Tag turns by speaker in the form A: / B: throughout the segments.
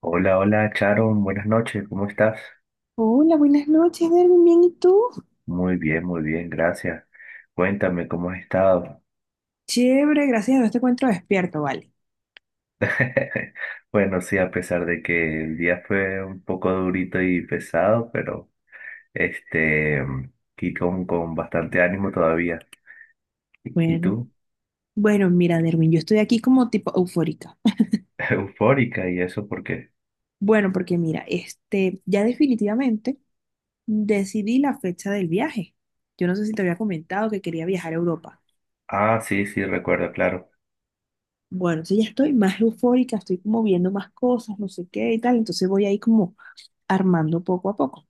A: Hola, hola, Charon, buenas noches, ¿cómo estás?
B: Hola, buenas noches, Derwin. ¿Bien y tú?
A: Muy bien, gracias. Cuéntame, ¿cómo has estado?
B: Chévere, gracias a Dios te encuentro despierto, vale.
A: Bueno, sí, a pesar de que el día fue un poco durito y pesado, pero este, aquí con bastante ánimo todavía. ¿Y
B: Bueno,
A: tú?
B: bueno, mira, Derwin, yo estoy aquí como tipo eufórica.
A: Eufórica, ¿y eso por qué?
B: Bueno, porque mira, ya definitivamente decidí la fecha del viaje. Yo no sé si te había comentado que quería viajar a Europa.
A: Ah, sí, sí, recuerdo, claro.
B: Bueno, entonces ya estoy más eufórica, estoy como viendo más cosas, no sé qué y tal. Entonces voy ahí como armando poco a poco.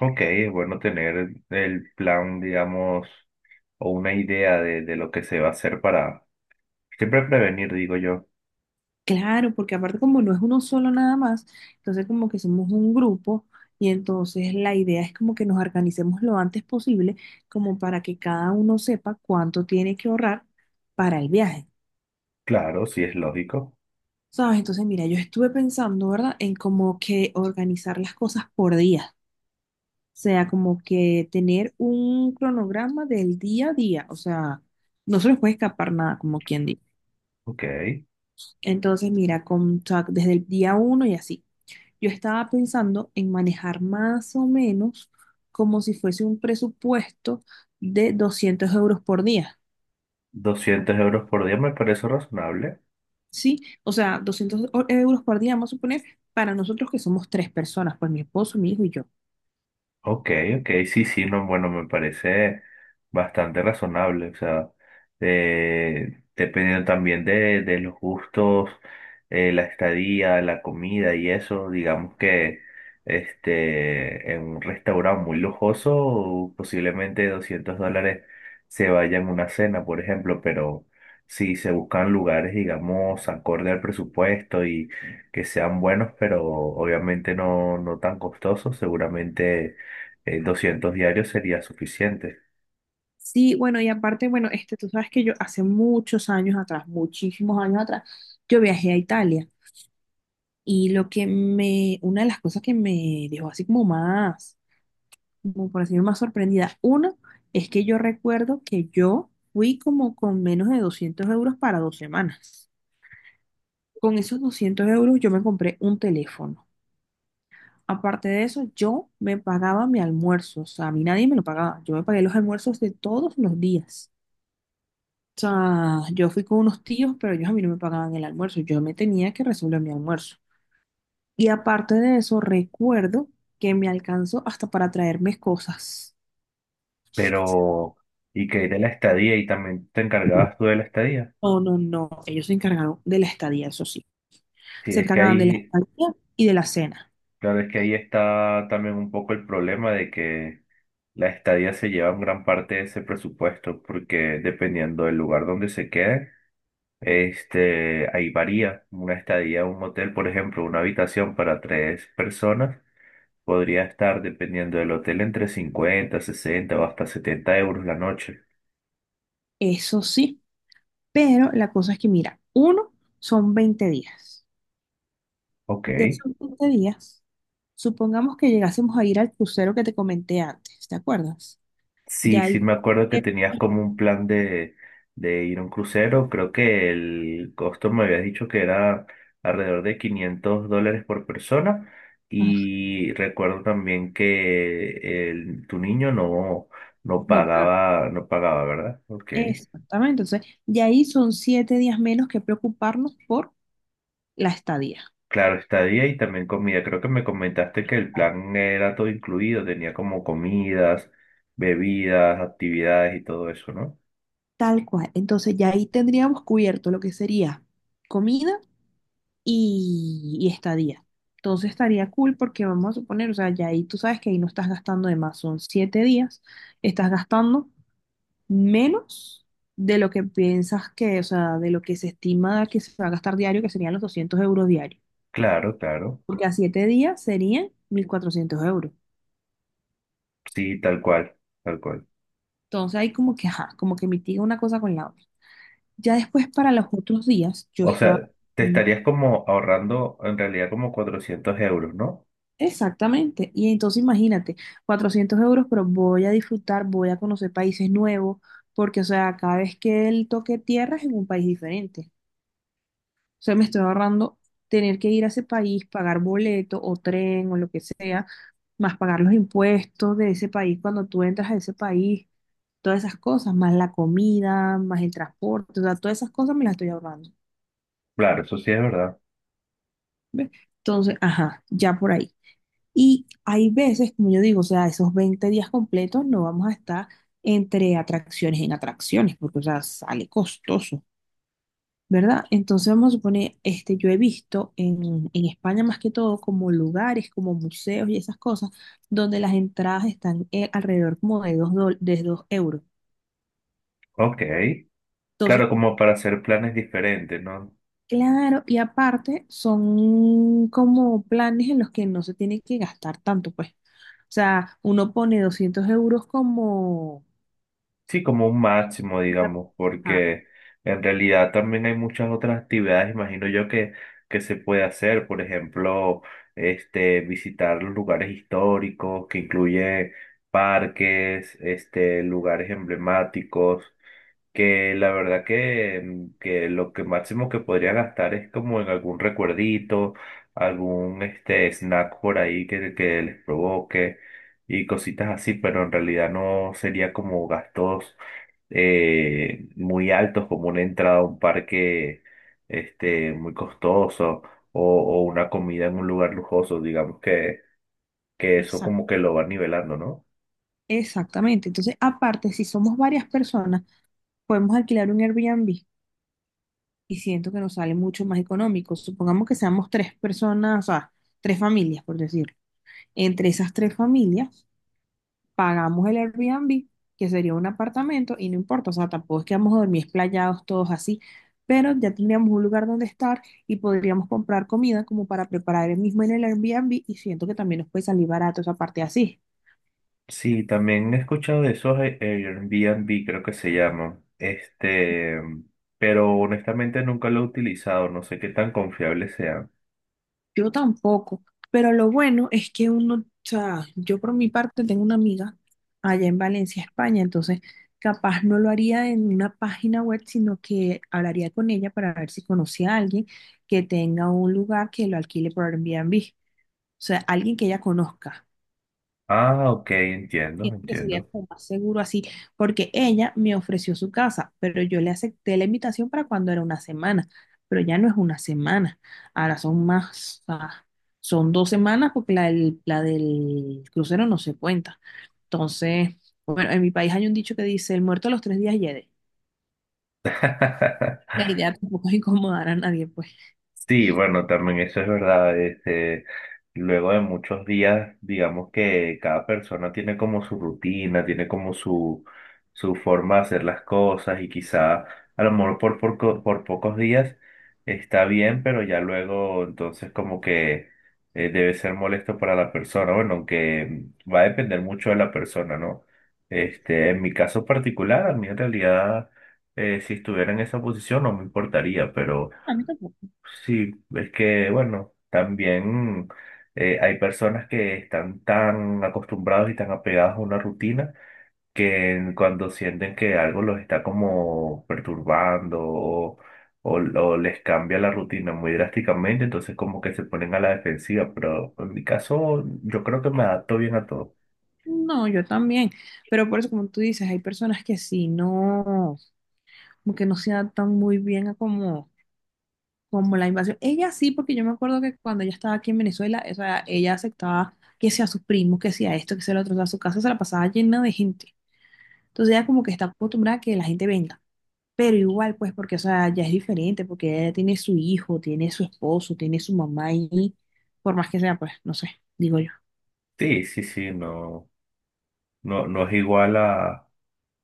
A: Ok, es bueno tener el plan, digamos, o una idea de lo que se va a hacer para siempre prevenir, digo yo.
B: Claro, porque aparte como no es uno solo nada más, entonces como que somos un grupo y entonces la idea es como que nos organicemos lo antes posible como para que cada uno sepa cuánto tiene que ahorrar para el viaje,
A: Claro, sí es lógico.
B: ¿sabes? Entonces mira, yo estuve pensando, ¿verdad? En como que organizar las cosas por día, o sea, como que tener un cronograma del día a día, o sea, no se nos puede escapar nada, como quien dice.
A: Ok,
B: Entonces mira, o sea, desde el día uno y así. Yo estaba pensando en manejar más o menos como si fuese un presupuesto de 200 euros por día,
A: 200 euros por día me parece razonable.
B: ¿sí? O sea, doscientos euros por día, vamos a suponer, para nosotros que somos tres personas, pues mi esposo, mi hijo y yo.
A: Ok, ok, sí, sí, no, bueno, me parece bastante razonable, o sea, dependiendo también de los gustos, la estadía, la comida y eso, digamos que en un restaurante muy lujoso, posiblemente 200 dólares se vaya en una cena, por ejemplo, pero si se buscan lugares, digamos, acorde al presupuesto y que sean buenos, pero obviamente no, no tan costosos, seguramente 200 diarios sería suficiente.
B: Sí, bueno, y aparte, bueno, tú sabes que yo hace muchos años atrás, muchísimos años atrás, yo viajé a Italia y lo que me, una de las cosas que me dejó así como más como por decir más sorprendida. Uno es que yo recuerdo que yo fui como con menos de 200 euros para 2 semanas. Con esos 200 euros yo me compré un teléfono. Aparte de eso, yo me pagaba mi almuerzo. O sea, a mí nadie me lo pagaba. Yo me pagué los almuerzos de todos los días. O sea, yo fui con unos tíos, pero ellos a mí no me pagaban el almuerzo. Yo me tenía que resolver mi almuerzo. Y aparte de eso, recuerdo que me alcanzó hasta para traerme cosas.
A: Pero, ¿y qué hay de la estadía? ¿Y también te encargabas tú de la estadía?
B: No, no, no. Ellos se encargaron de la estadía, eso sí.
A: Sí,
B: Se
A: es que
B: encargaban de la
A: ahí,
B: estadía y de la cena.
A: claro, es que ahí está también un poco el problema de que la estadía se lleva en gran parte de ese presupuesto, porque dependiendo del lugar donde se quede, ahí varía. Una estadía, un hotel, por ejemplo, una habitación para tres personas. Podría estar, dependiendo del hotel, entre 50 60 o hasta 70 euros la noche.
B: Eso sí, pero la cosa es que, mira, uno son 20 días.
A: Ok.
B: De esos 20 días, supongamos que llegásemos a ir al crucero que te comenté antes, ¿te acuerdas?
A: Sí,
B: Ya
A: sí,
B: ahí...
A: me acuerdo que tenías como un plan de, ir a un crucero. Creo que el costo me habías dicho que era alrededor de 500 dólares por persona.
B: Ah,
A: Y recuerdo también que tu niño no, no
B: no pagar.
A: pagaba, no pagaba, ¿verdad? Ok.
B: Exactamente. Entonces, ya ahí son 7 días menos que preocuparnos por la estadía.
A: Claro, estadía y también comida. Creo que me comentaste que el plan era todo incluido, tenía como comidas, bebidas, actividades y todo eso, ¿no?
B: Tal cual. Entonces, ya ahí tendríamos cubierto lo que sería comida y estadía. Entonces estaría cool porque vamos a suponer, o sea, ya ahí tú sabes que ahí no estás gastando de más, son 7 días, estás gastando menos de lo que piensas que, o sea, de lo que se estima que se va a gastar diario, que serían los 200 euros diarios,
A: Claro, claro.
B: porque a 7 días serían 1.400 euros.
A: Sí, tal cual, tal cual.
B: Entonces ahí como que, ajá, como que mitiga una cosa con la otra. Ya después para los otros días, yo
A: O
B: estaba...
A: sea, te estarías como ahorrando en realidad como 400 euros, ¿no?
B: Exactamente. Y entonces imagínate, 400 euros, pero voy a disfrutar, voy a conocer países nuevos, porque, o sea, cada vez que él toque tierra es en un país diferente. O sea, me estoy ahorrando tener que ir a ese país, pagar boleto o tren o lo que sea, más pagar los impuestos de ese país cuando tú entras a ese país, todas esas cosas, más la comida, más el transporte, o sea, todas esas cosas me las estoy ahorrando.
A: Claro, eso sí es verdad.
B: ¿Ves? Entonces, ajá, ya por ahí. Y hay veces, como yo digo, o sea, esos 20 días completos no vamos a estar entre atracciones en atracciones, porque, o sea, sale costoso, ¿verdad? Entonces vamos a suponer, yo he visto en España más que todo como lugares, como museos y esas cosas, donde las entradas están alrededor como de 2 euros.
A: Ok.
B: Entonces,
A: Claro, como para hacer planes diferentes, ¿no?
B: claro, y aparte son como planes en los que no se tiene que gastar tanto, pues. O sea, uno pone 200 euros como
A: Sí, como un máximo,
B: Una-
A: digamos,
B: ajá,
A: porque en realidad también hay muchas otras actividades, imagino yo, que, se puede hacer. Por ejemplo, visitar los lugares históricos, que incluye parques, lugares emblemáticos. Que la verdad que lo que máximo que podría gastar es como en algún recuerdito, algún snack por ahí que, les provoque y cositas así, pero en realidad no sería como gastos muy altos, como una entrada a un parque muy costoso o, una comida en un lugar lujoso, digamos que eso
B: exact-
A: como que lo va nivelando, ¿no?
B: exactamente. Entonces, aparte, si somos varias personas, podemos alquilar un Airbnb y siento que nos sale mucho más económico. Supongamos que seamos tres personas, o sea, tres familias, por decirlo. Entre esas tres familias, pagamos el Airbnb, que sería un apartamento, y no importa, o sea, tampoco es que vamos a dormir esplayados todos así, pero ya tendríamos un lugar donde estar y podríamos comprar comida como para preparar el mismo en el Airbnb y siento que también nos puede salir barato esa parte así.
A: Sí, también he escuchado de esos Airbnb, creo que se llaman. Pero honestamente nunca lo he utilizado, no sé qué tan confiables sean.
B: Yo tampoco, pero lo bueno es que uno, o sea, yo por mi parte tengo una amiga allá en Valencia, España, entonces capaz no lo haría en una página web, sino que hablaría con ella para ver si conocía a alguien que tenga un lugar que lo alquile por Airbnb, o sea, alguien que ella conozca.
A: Ah, ok, entiendo,
B: Siento que sería
A: entiendo.
B: como más seguro así, porque ella me ofreció su casa, pero yo le acepté la invitación para cuando era una semana, pero ya no es una semana, ahora son más, ah, son 2 semanas porque la del crucero no se cuenta. Entonces, bueno, en mi país hay un dicho que dice, el muerto a los 3 días hiede. La idea tampoco es incomodar a nadie, pues.
A: Sí, bueno, también eso es verdad. Luego de muchos días, digamos que cada persona tiene como su rutina, tiene como su forma de hacer las cosas y quizá a lo mejor por pocos días está bien, pero ya luego entonces como que debe ser molesto para la persona. Bueno, aunque va a depender mucho de la persona, ¿no? En mi caso particular, a mí en realidad, si estuviera en esa posición no me importaría, pero.
B: A mí tampoco.
A: Sí, es que, bueno, también hay personas que están tan acostumbrados y tan apegados a una rutina que cuando sienten que algo los está como perturbando o les cambia la rutina muy drásticamente, entonces como que se ponen a la defensiva, pero en mi caso yo creo que me adapto bien a todo.
B: No, yo también. Pero por eso, como tú dices, hay personas que sí, no, como que no se adaptan muy bien a como la invasión. Ella sí, porque yo me acuerdo que cuando ella estaba aquí en Venezuela, o sea, ella aceptaba que sea sus primos, que sea esto, que sea lo otro, o sea, su casa se la pasaba llena de gente. Entonces ella como que está acostumbrada a que la gente venga. Pero igual, pues, porque, o sea, ya es diferente, porque ella tiene su hijo, tiene su esposo, tiene su mamá y por más que sea, pues, no sé, digo yo.
A: Sí, sí, sí, no, no, no es igual a,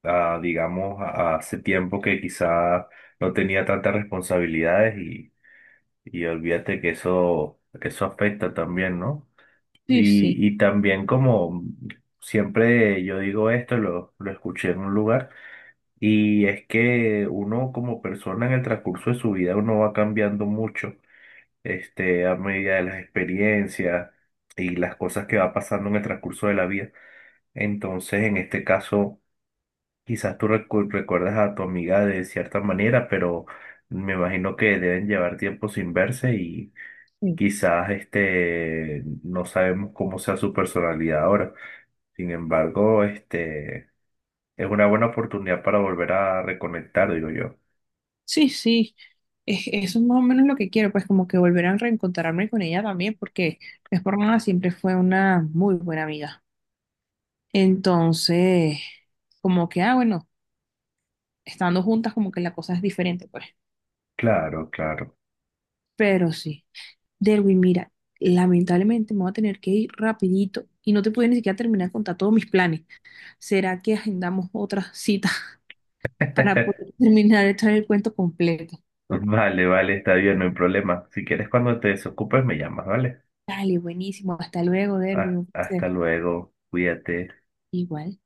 A: a digamos, a hace tiempo que quizá no tenía tantas responsabilidades. Y olvídate que eso afecta también, ¿no?
B: Sí, sí,
A: Y también como siempre yo digo esto, lo escuché en un lugar, y es que uno como persona en el transcurso de su vida, uno va cambiando mucho, a medida de las experiencias y las cosas que va pasando en el transcurso de la vida. Entonces, en este caso, quizás tú recuerdas a tu amiga de cierta manera, pero me imagino que deben llevar tiempo sin verse.
B: sí,
A: Quizás no sabemos cómo sea su personalidad ahora. Sin embargo, es una buena oportunidad para volver a reconectar, digo yo.
B: sí, sí. Eso es más o menos lo que quiero, pues como que volver a reencontrarme con ella también, porque es por nada, siempre fue una muy buena amiga. Entonces, como que, ah, bueno, estando juntas, como que la cosa es diferente, pues.
A: Claro, claro.
B: Pero sí. Derwin, mira, lamentablemente me voy a tener que ir rapidito y no te pude ni siquiera terminar de contar todos mis planes. ¿Será que agendamos otra cita para poder terminar de traer el cuento completo?
A: Vale, vale, está bien, no hay problema. Si quieres, cuando te desocupes, me llamas, ¿vale?
B: Dale, buenísimo. Hasta luego, Derwin.
A: Ah,
B: Un placer.
A: hasta luego, cuídate.
B: Igual.